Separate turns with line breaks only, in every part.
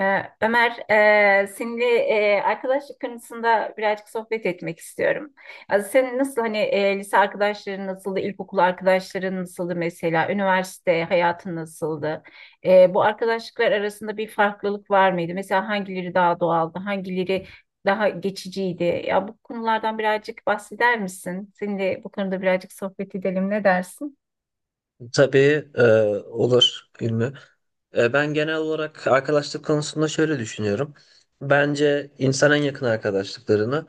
Ömer, seninle arkadaşlık konusunda birazcık sohbet etmek istiyorum. Az senin nasıl hani lise arkadaşların nasıldı, ilkokul arkadaşların nasıldı mesela, üniversite hayatın nasıldı? Bu arkadaşlıklar arasında bir farklılık var mıydı? Mesela hangileri daha doğaldı, hangileri daha geçiciydi? Ya bu konulardan birazcık bahseder misin? Seninle bu konuda birazcık sohbet edelim, ne dersin?
Tabii olur Ümmü. Ben genel olarak arkadaşlık konusunda şöyle düşünüyorum. Bence insan en yakın arkadaşlıklarını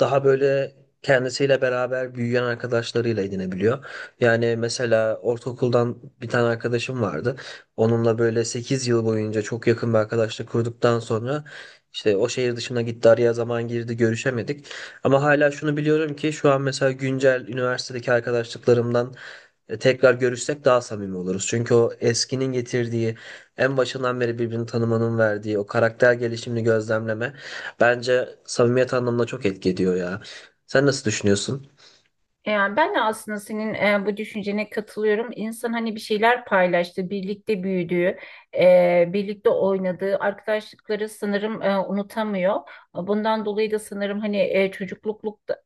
daha böyle kendisiyle beraber büyüyen arkadaşlarıyla edinebiliyor. Yani mesela ortaokuldan bir tane arkadaşım vardı. Onunla böyle 8 yıl boyunca çok yakın bir arkadaşlık kurduktan sonra işte o şehir dışına gitti, araya zaman girdi, görüşemedik. Ama hala şunu biliyorum ki şu an mesela güncel üniversitedeki arkadaşlıklarımdan tekrar görüşsek daha samimi oluruz. Çünkü o eskinin getirdiği, en başından beri birbirini tanımanın verdiği o karakter gelişimini gözlemleme bence samimiyet anlamında çok etki ediyor ya. Sen nasıl düşünüyorsun?
Yani ben de aslında senin bu düşüncene katılıyorum. İnsan hani bir şeyler paylaştı, birlikte büyüdüğü, birlikte oynadığı arkadaşlıkları sanırım unutamıyor. Bundan dolayı da sanırım hani çocukluk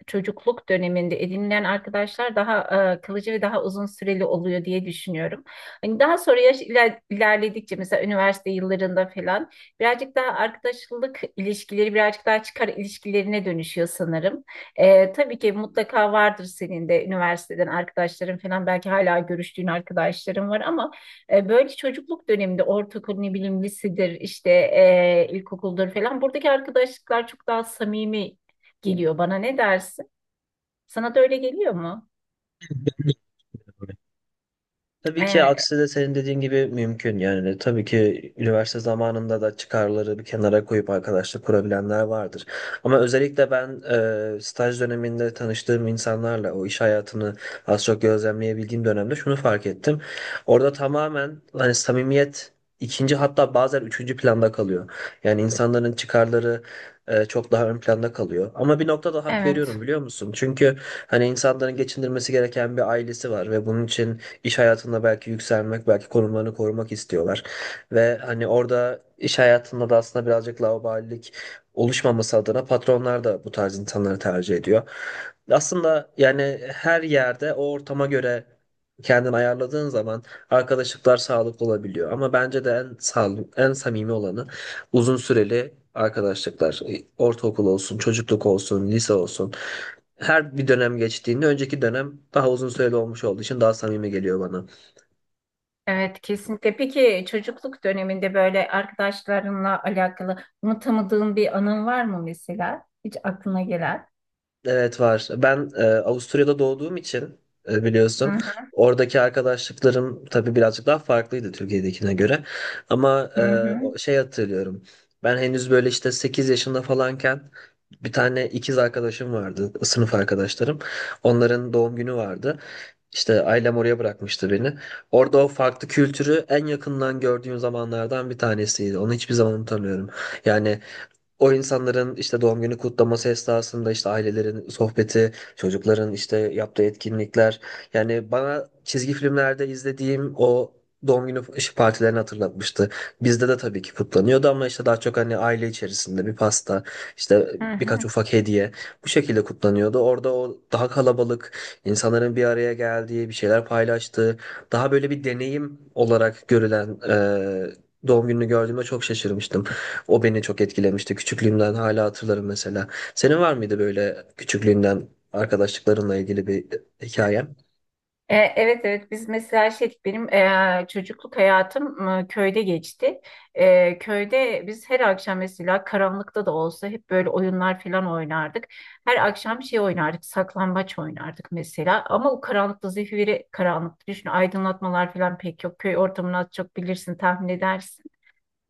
çocukluk döneminde edinilen arkadaşlar daha kalıcı ve daha uzun süreli oluyor diye düşünüyorum. Hani daha sonra yaş ilerledikçe mesela üniversite yıllarında falan birazcık daha arkadaşlık ilişkileri birazcık daha çıkar ilişkilerine dönüşüyor sanırım. Tabii ki mutlaka vardır senin de üniversiteden arkadaşların falan belki hala görüştüğün arkadaşların var ama böyle çocukluk döneminde ortaokul ne bileyim lisedir işte ilkokuldur falan buradaki arkadaşlıklar çok daha samimi geliyor bana, ne dersin? Sana da öyle geliyor mu?
Tabii ki
Ee,
aksi de senin dediğin gibi mümkün, yani tabii ki üniversite zamanında da çıkarları bir kenara koyup arkadaşlık kurabilenler vardır. Ama özellikle ben staj döneminde tanıştığım insanlarla o iş hayatını az çok gözlemleyebildiğim dönemde şunu fark ettim. Orada tamamen hani samimiyet ikinci, hatta bazen üçüncü planda kalıyor. Yani insanların çıkarları çok daha ön planda kalıyor. Ama bir noktada hak
evet.
veriyorum, biliyor musun? Çünkü hani insanların geçindirmesi gereken bir ailesi var ve bunun için iş hayatında belki yükselmek, belki konumlarını korumak istiyorlar. Ve hani orada iş hayatında da aslında birazcık laubalilik oluşmaması adına patronlar da bu tarz insanları tercih ediyor. Aslında yani her yerde o ortama göre kendini ayarladığın zaman arkadaşlıklar sağlıklı olabiliyor. Ama bence de en sağlıklı, en samimi olanı uzun süreli arkadaşlıklar. Ortaokul olsun, çocukluk olsun, lise olsun, her bir dönem geçtiğinde önceki dönem daha uzun süreli olmuş olduğu için daha samimi geliyor bana.
Evet, kesinlikle. Peki çocukluk döneminde böyle arkadaşlarınla alakalı unutamadığın bir anın var mı mesela? Hiç aklına gelen?
Evet var. Ben Avusturya'da doğduğum için
Hı
biliyorsun,
hı
oradaki arkadaşlıklarım tabii birazcık daha farklıydı Türkiye'dekine göre. Ama
hı hı.
şey hatırlıyorum. Ben henüz böyle işte 8 yaşında falanken bir tane ikiz arkadaşım vardı, sınıf arkadaşlarım. Onların doğum günü vardı. İşte ailem oraya bırakmıştı beni. Orada o farklı kültürü en yakından gördüğüm zamanlardan bir tanesiydi. Onu hiçbir zaman unutamıyorum. Yani o insanların işte doğum günü kutlaması esnasında işte ailelerin sohbeti, çocukların işte yaptığı etkinlikler. Yani bana çizgi filmlerde izlediğim o doğum günü iş partilerini hatırlatmıştı. Bizde de tabii ki kutlanıyordu ama işte daha çok hani aile içerisinde bir pasta, işte
hı
birkaç
hı.
ufak hediye, bu şekilde kutlanıyordu. Orada o daha kalabalık, insanların bir araya geldiği, bir şeyler paylaştığı, daha böyle bir deneyim olarak görülen doğum gününü gördüğümde çok şaşırmıştım. O beni çok etkilemişti. Küçüklüğümden hala hatırlarım mesela. Senin var mıydı böyle küçüklüğünden arkadaşlıklarınla ilgili bir hikayen?
Evet, evet biz mesela şey dedik, benim çocukluk hayatım köyde geçti. Köyde biz her akşam mesela karanlıkta da olsa hep böyle oyunlar falan oynardık. Her akşam şey oynardık, saklambaç oynardık mesela ama o karanlıkta zifiri karanlıkta düşün, aydınlatmalar falan pek yok. Köy ortamını az çok bilirsin, tahmin edersin.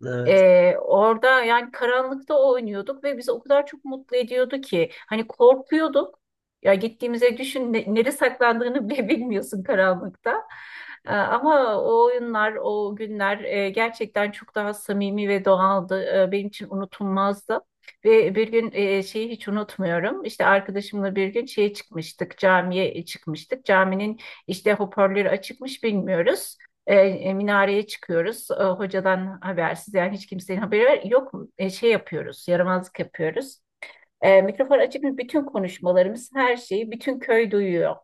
Evet.
Orada yani karanlıkta oynuyorduk ve bizi o kadar çok mutlu ediyordu ki hani korkuyorduk. Ya gittiğimize düşün ne, nereye saklandığını bile bilmiyorsun karanlıkta. Ama o oyunlar, o günler gerçekten çok daha samimi ve doğaldı. Benim için unutulmazdı. Ve bir gün şeyi hiç unutmuyorum. İşte arkadaşımla bir gün şeye çıkmıştık, camiye çıkmıştık. Caminin işte hoparlörü açıkmış, bilmiyoruz. Minareye çıkıyoruz. Hocadan habersiz yani hiç kimsenin haberi yok. Şey yapıyoruz, yaramazlık yapıyoruz. Mikrofon açık mı? Bütün konuşmalarımız, her şeyi bütün köy duyuyor.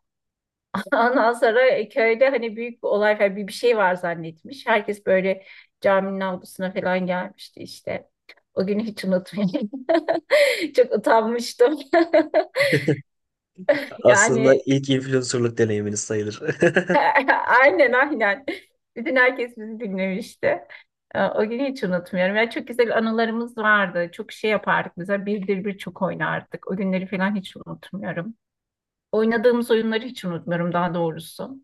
Ondan sonra köyde hani büyük bir olay falan bir şey var zannetmiş. Herkes böyle caminin avlusuna falan gelmişti işte. O günü hiç unutmayayım. Çok utanmıştım.
Aslında
Yani
ilk influencerlık deneyiminiz sayılır.
aynen, aynen. Bütün herkes bizi dinlemişti. O günü hiç unutmuyorum. Yani çok güzel anılarımız vardı. Çok şey yapardık. Mesela birdir bir çok oynardık. O günleri falan hiç unutmuyorum. Oynadığımız oyunları hiç unutmuyorum daha doğrusu.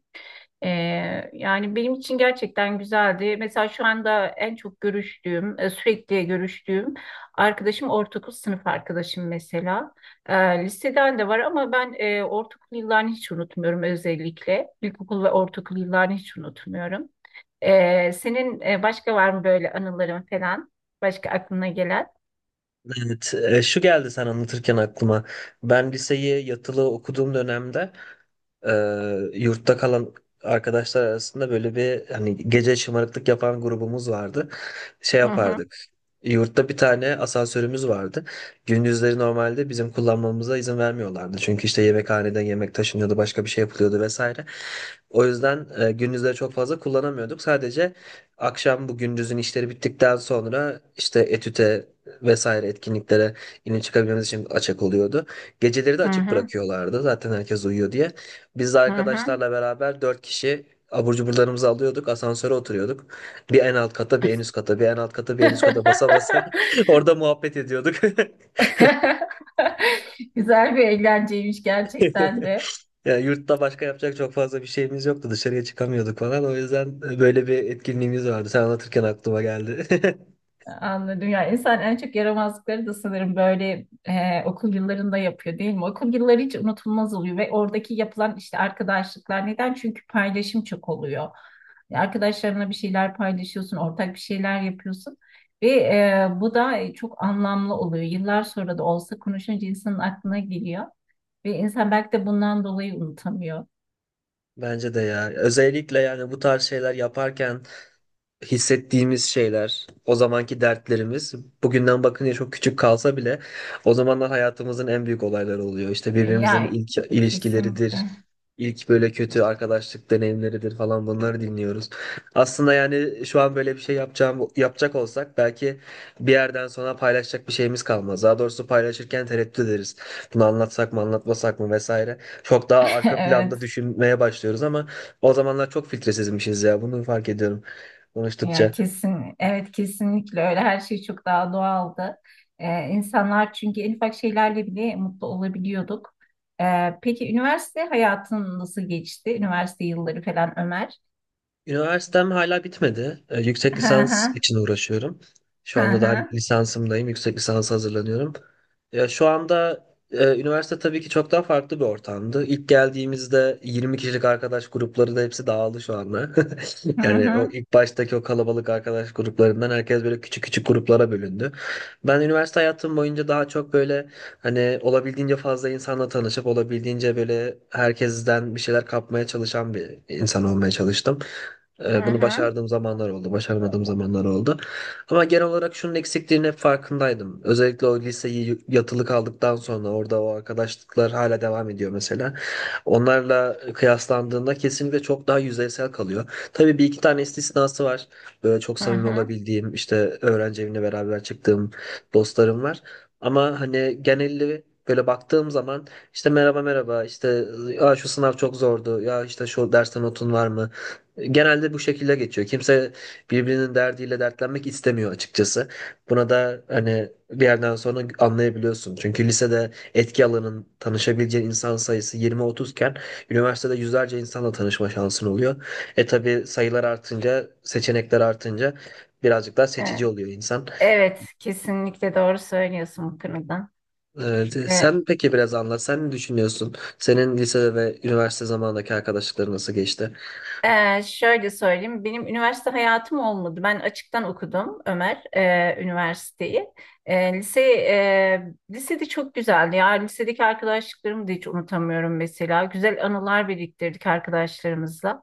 Yani benim için gerçekten güzeldi. Mesela şu anda en çok görüştüğüm, sürekli görüştüğüm arkadaşım ortaokul sınıf arkadaşım mesela. Ee, Liseden de var ama ben ortaokul yıllarını hiç unutmuyorum özellikle. İlkokul ve ortaokul yıllarını hiç unutmuyorum. Senin başka var mı böyle anıların falan? Başka aklına gelen?
Evet, şu geldi sen anlatırken aklıma. Ben liseyi yatılı okuduğum dönemde Ee, yurtta kalan arkadaşlar arasında böyle bir hani gece şımarıklık yapan grubumuz vardı. Şey
Hı hı,
yapardık. Yurtta bir tane asansörümüz vardı. Gündüzleri normalde bizim kullanmamıza izin vermiyorlardı. Çünkü işte yemekhaneden yemek taşınıyordu, başka bir şey yapılıyordu vesaire. O yüzden gündüzleri çok fazla kullanamıyorduk. Sadece akşam bu gündüzün işleri bittikten sonra işte etüte vesaire etkinliklere yine çıkabilmemiz için açık oluyordu. Geceleri de
hı
açık
hı,
bırakıyorlardı, zaten herkes uyuyor diye. Biz de
hı hı.
arkadaşlarla beraber dört kişi abur cuburlarımızı alıyorduk. Asansöre oturuyorduk. Bir en alt kata, bir en üst kata, bir en alt kata, bir en üst kata basa basa orada muhabbet ediyorduk.
Güzel bir eğlenceymiş gerçekten de.
Yani yurtta başka yapacak çok fazla bir şeyimiz yoktu. Dışarıya çıkamıyorduk falan. O yüzden böyle bir etkinliğimiz vardı. Sen anlatırken aklıma geldi.
Anladım. Yani insan en çok yaramazlıkları da sanırım böyle okul yıllarında yapıyor değil mi? Okul yılları hiç unutulmaz oluyor ve oradaki yapılan işte arkadaşlıklar neden? Çünkü paylaşım çok oluyor. Arkadaşlarınla bir şeyler paylaşıyorsun, ortak bir şeyler yapıyorsun ve bu da çok anlamlı oluyor. Yıllar sonra da olsa konuşunca insanın aklına geliyor. Ve insan belki de bundan dolayı unutamıyor.
Bence de ya. Özellikle yani bu tarz şeyler yaparken hissettiğimiz şeyler, o zamanki dertlerimiz bugünden bakınca çok küçük kalsa bile o zamanlar hayatımızın en büyük olayları oluyor. İşte birbirimizin
Ya
ilk ilişkileridir,
kesinlikle.
ilk böyle kötü arkadaşlık deneyimleridir falan, bunları dinliyoruz. Aslında yani şu an böyle bir şey yapacağım yapacak olsak belki bir yerden sonra paylaşacak bir şeyimiz kalmaz. Daha doğrusu paylaşırken tereddüt ederiz. Bunu anlatsak mı, anlatmasak mı vesaire. Çok daha arka planda
Evet.
düşünmeye başlıyoruz ama o zamanlar çok filtresizmişiz ya. Bunu fark ediyorum
Ya
konuştukça.
kesin. Evet kesinlikle öyle. Her şey çok daha doğaldı. İnsanlar çünkü en ufak şeylerle bile mutlu olabiliyorduk. Peki üniversite hayatın nasıl geçti? Üniversite yılları falan Ömer.
Üniversitem hala bitmedi. Yüksek lisans için uğraşıyorum. Şu
Hı
anda daha
hı,
lisansımdayım. Yüksek lisansa hazırlanıyorum. Ya şu anda üniversite tabii ki çok daha farklı bir ortamdı. İlk geldiğimizde 20 kişilik arkadaş grupları da hepsi dağıldı şu anda.
hı
Yani o
hı,
ilk baştaki o kalabalık arkadaş gruplarından herkes böyle küçük küçük gruplara bölündü. Ben üniversite hayatım boyunca daha çok böyle hani olabildiğince fazla insanla tanışıp olabildiğince böyle herkesten bir şeyler kapmaya çalışan bir insan olmaya çalıştım.
hı
Bunu
hı,
başardığım zamanlar oldu, başaramadığım zamanlar oldu. Ama genel olarak şunun eksikliğinin hep farkındaydım. Özellikle o liseyi yatılı kaldıktan sonra orada o arkadaşlıklar hala devam ediyor mesela. Onlarla kıyaslandığında kesinlikle çok daha yüzeysel kalıyor. Tabii bir iki tane istisnası var. Böyle çok
hı
samimi
hı.
olabildiğim, işte öğrenci evine beraber çıktığım dostlarım var. Ama hani genelli böyle baktığım zaman işte merhaba merhaba, işte ya şu sınav çok zordu, ya işte şu dersten notun var mı? Genelde bu şekilde geçiyor. Kimse birbirinin derdiyle dertlenmek istemiyor açıkçası. Buna da hani bir yerden sonra anlayabiliyorsun. Çünkü lisede etki alanın tanışabileceğin insan sayısı 20-30 iken üniversitede yüzlerce insanla tanışma şansın oluyor. E tabii sayılar artınca, seçenekler artınca birazcık daha
E,
seçici oluyor insan.
Evet, kesinlikle doğru söylüyorsun bu konuda. E,
Sen peki biraz anlat. Sen ne düşünüyorsun? Senin lisede ve üniversite zamanındaki arkadaşlıkların nasıl geçti?
Şöyle söyleyeyim, benim üniversite hayatım olmadı. Ben açıktan okudum Ömer, üniversiteyi. Lisede çok güzeldi. Ya lisedeki arkadaşlıklarımı da hiç unutamıyorum mesela. Güzel anılar biriktirdik arkadaşlarımızla.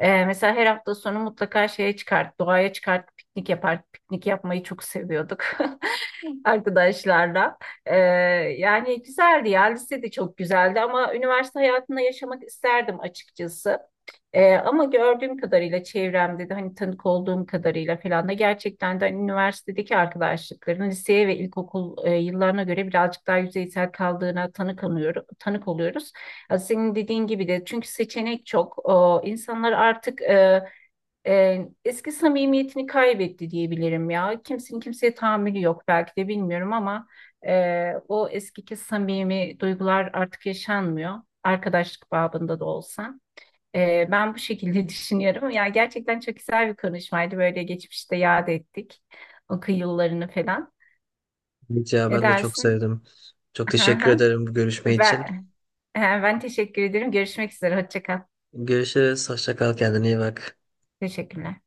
Mesela her hafta sonu mutlaka şeye çıkart, doğaya çıkart, piknik yapar. Piknik yapmayı çok seviyorduk arkadaşlarla. Ee, Yani güzeldi ya, lise de çok güzeldi ama üniversite hayatında yaşamak isterdim açıkçası. Ama gördüğüm kadarıyla çevremde de hani tanık olduğum kadarıyla falan da gerçekten de hani üniversitedeki arkadaşlıkların liseye ve ilkokul yıllarına göre birazcık daha yüzeysel kaldığına tanık, anıyorum, tanık oluyoruz. Ya senin dediğin gibi de çünkü seçenek çok. O, insanlar artık eski samimiyetini kaybetti diyebilirim ya. Kimsenin kimseye tahammülü yok belki de bilmiyorum ama o eskiki samimi duygular artık yaşanmıyor. Arkadaşlık babında da olsa. Ben bu şekilde düşünüyorum. Yani gerçekten çok güzel bir konuşmaydı. Böyle geçmişte yad ettik o yıllarını falan.
Evet ya,
Ne
ben de çok
dersin?
sevdim. Çok teşekkür ederim bu görüşme için.
Ben, ben teşekkür ederim. Görüşmek üzere. Hoşça kal.
Görüşürüz. Hoşça kal. Kendine iyi bak.
Teşekkürler.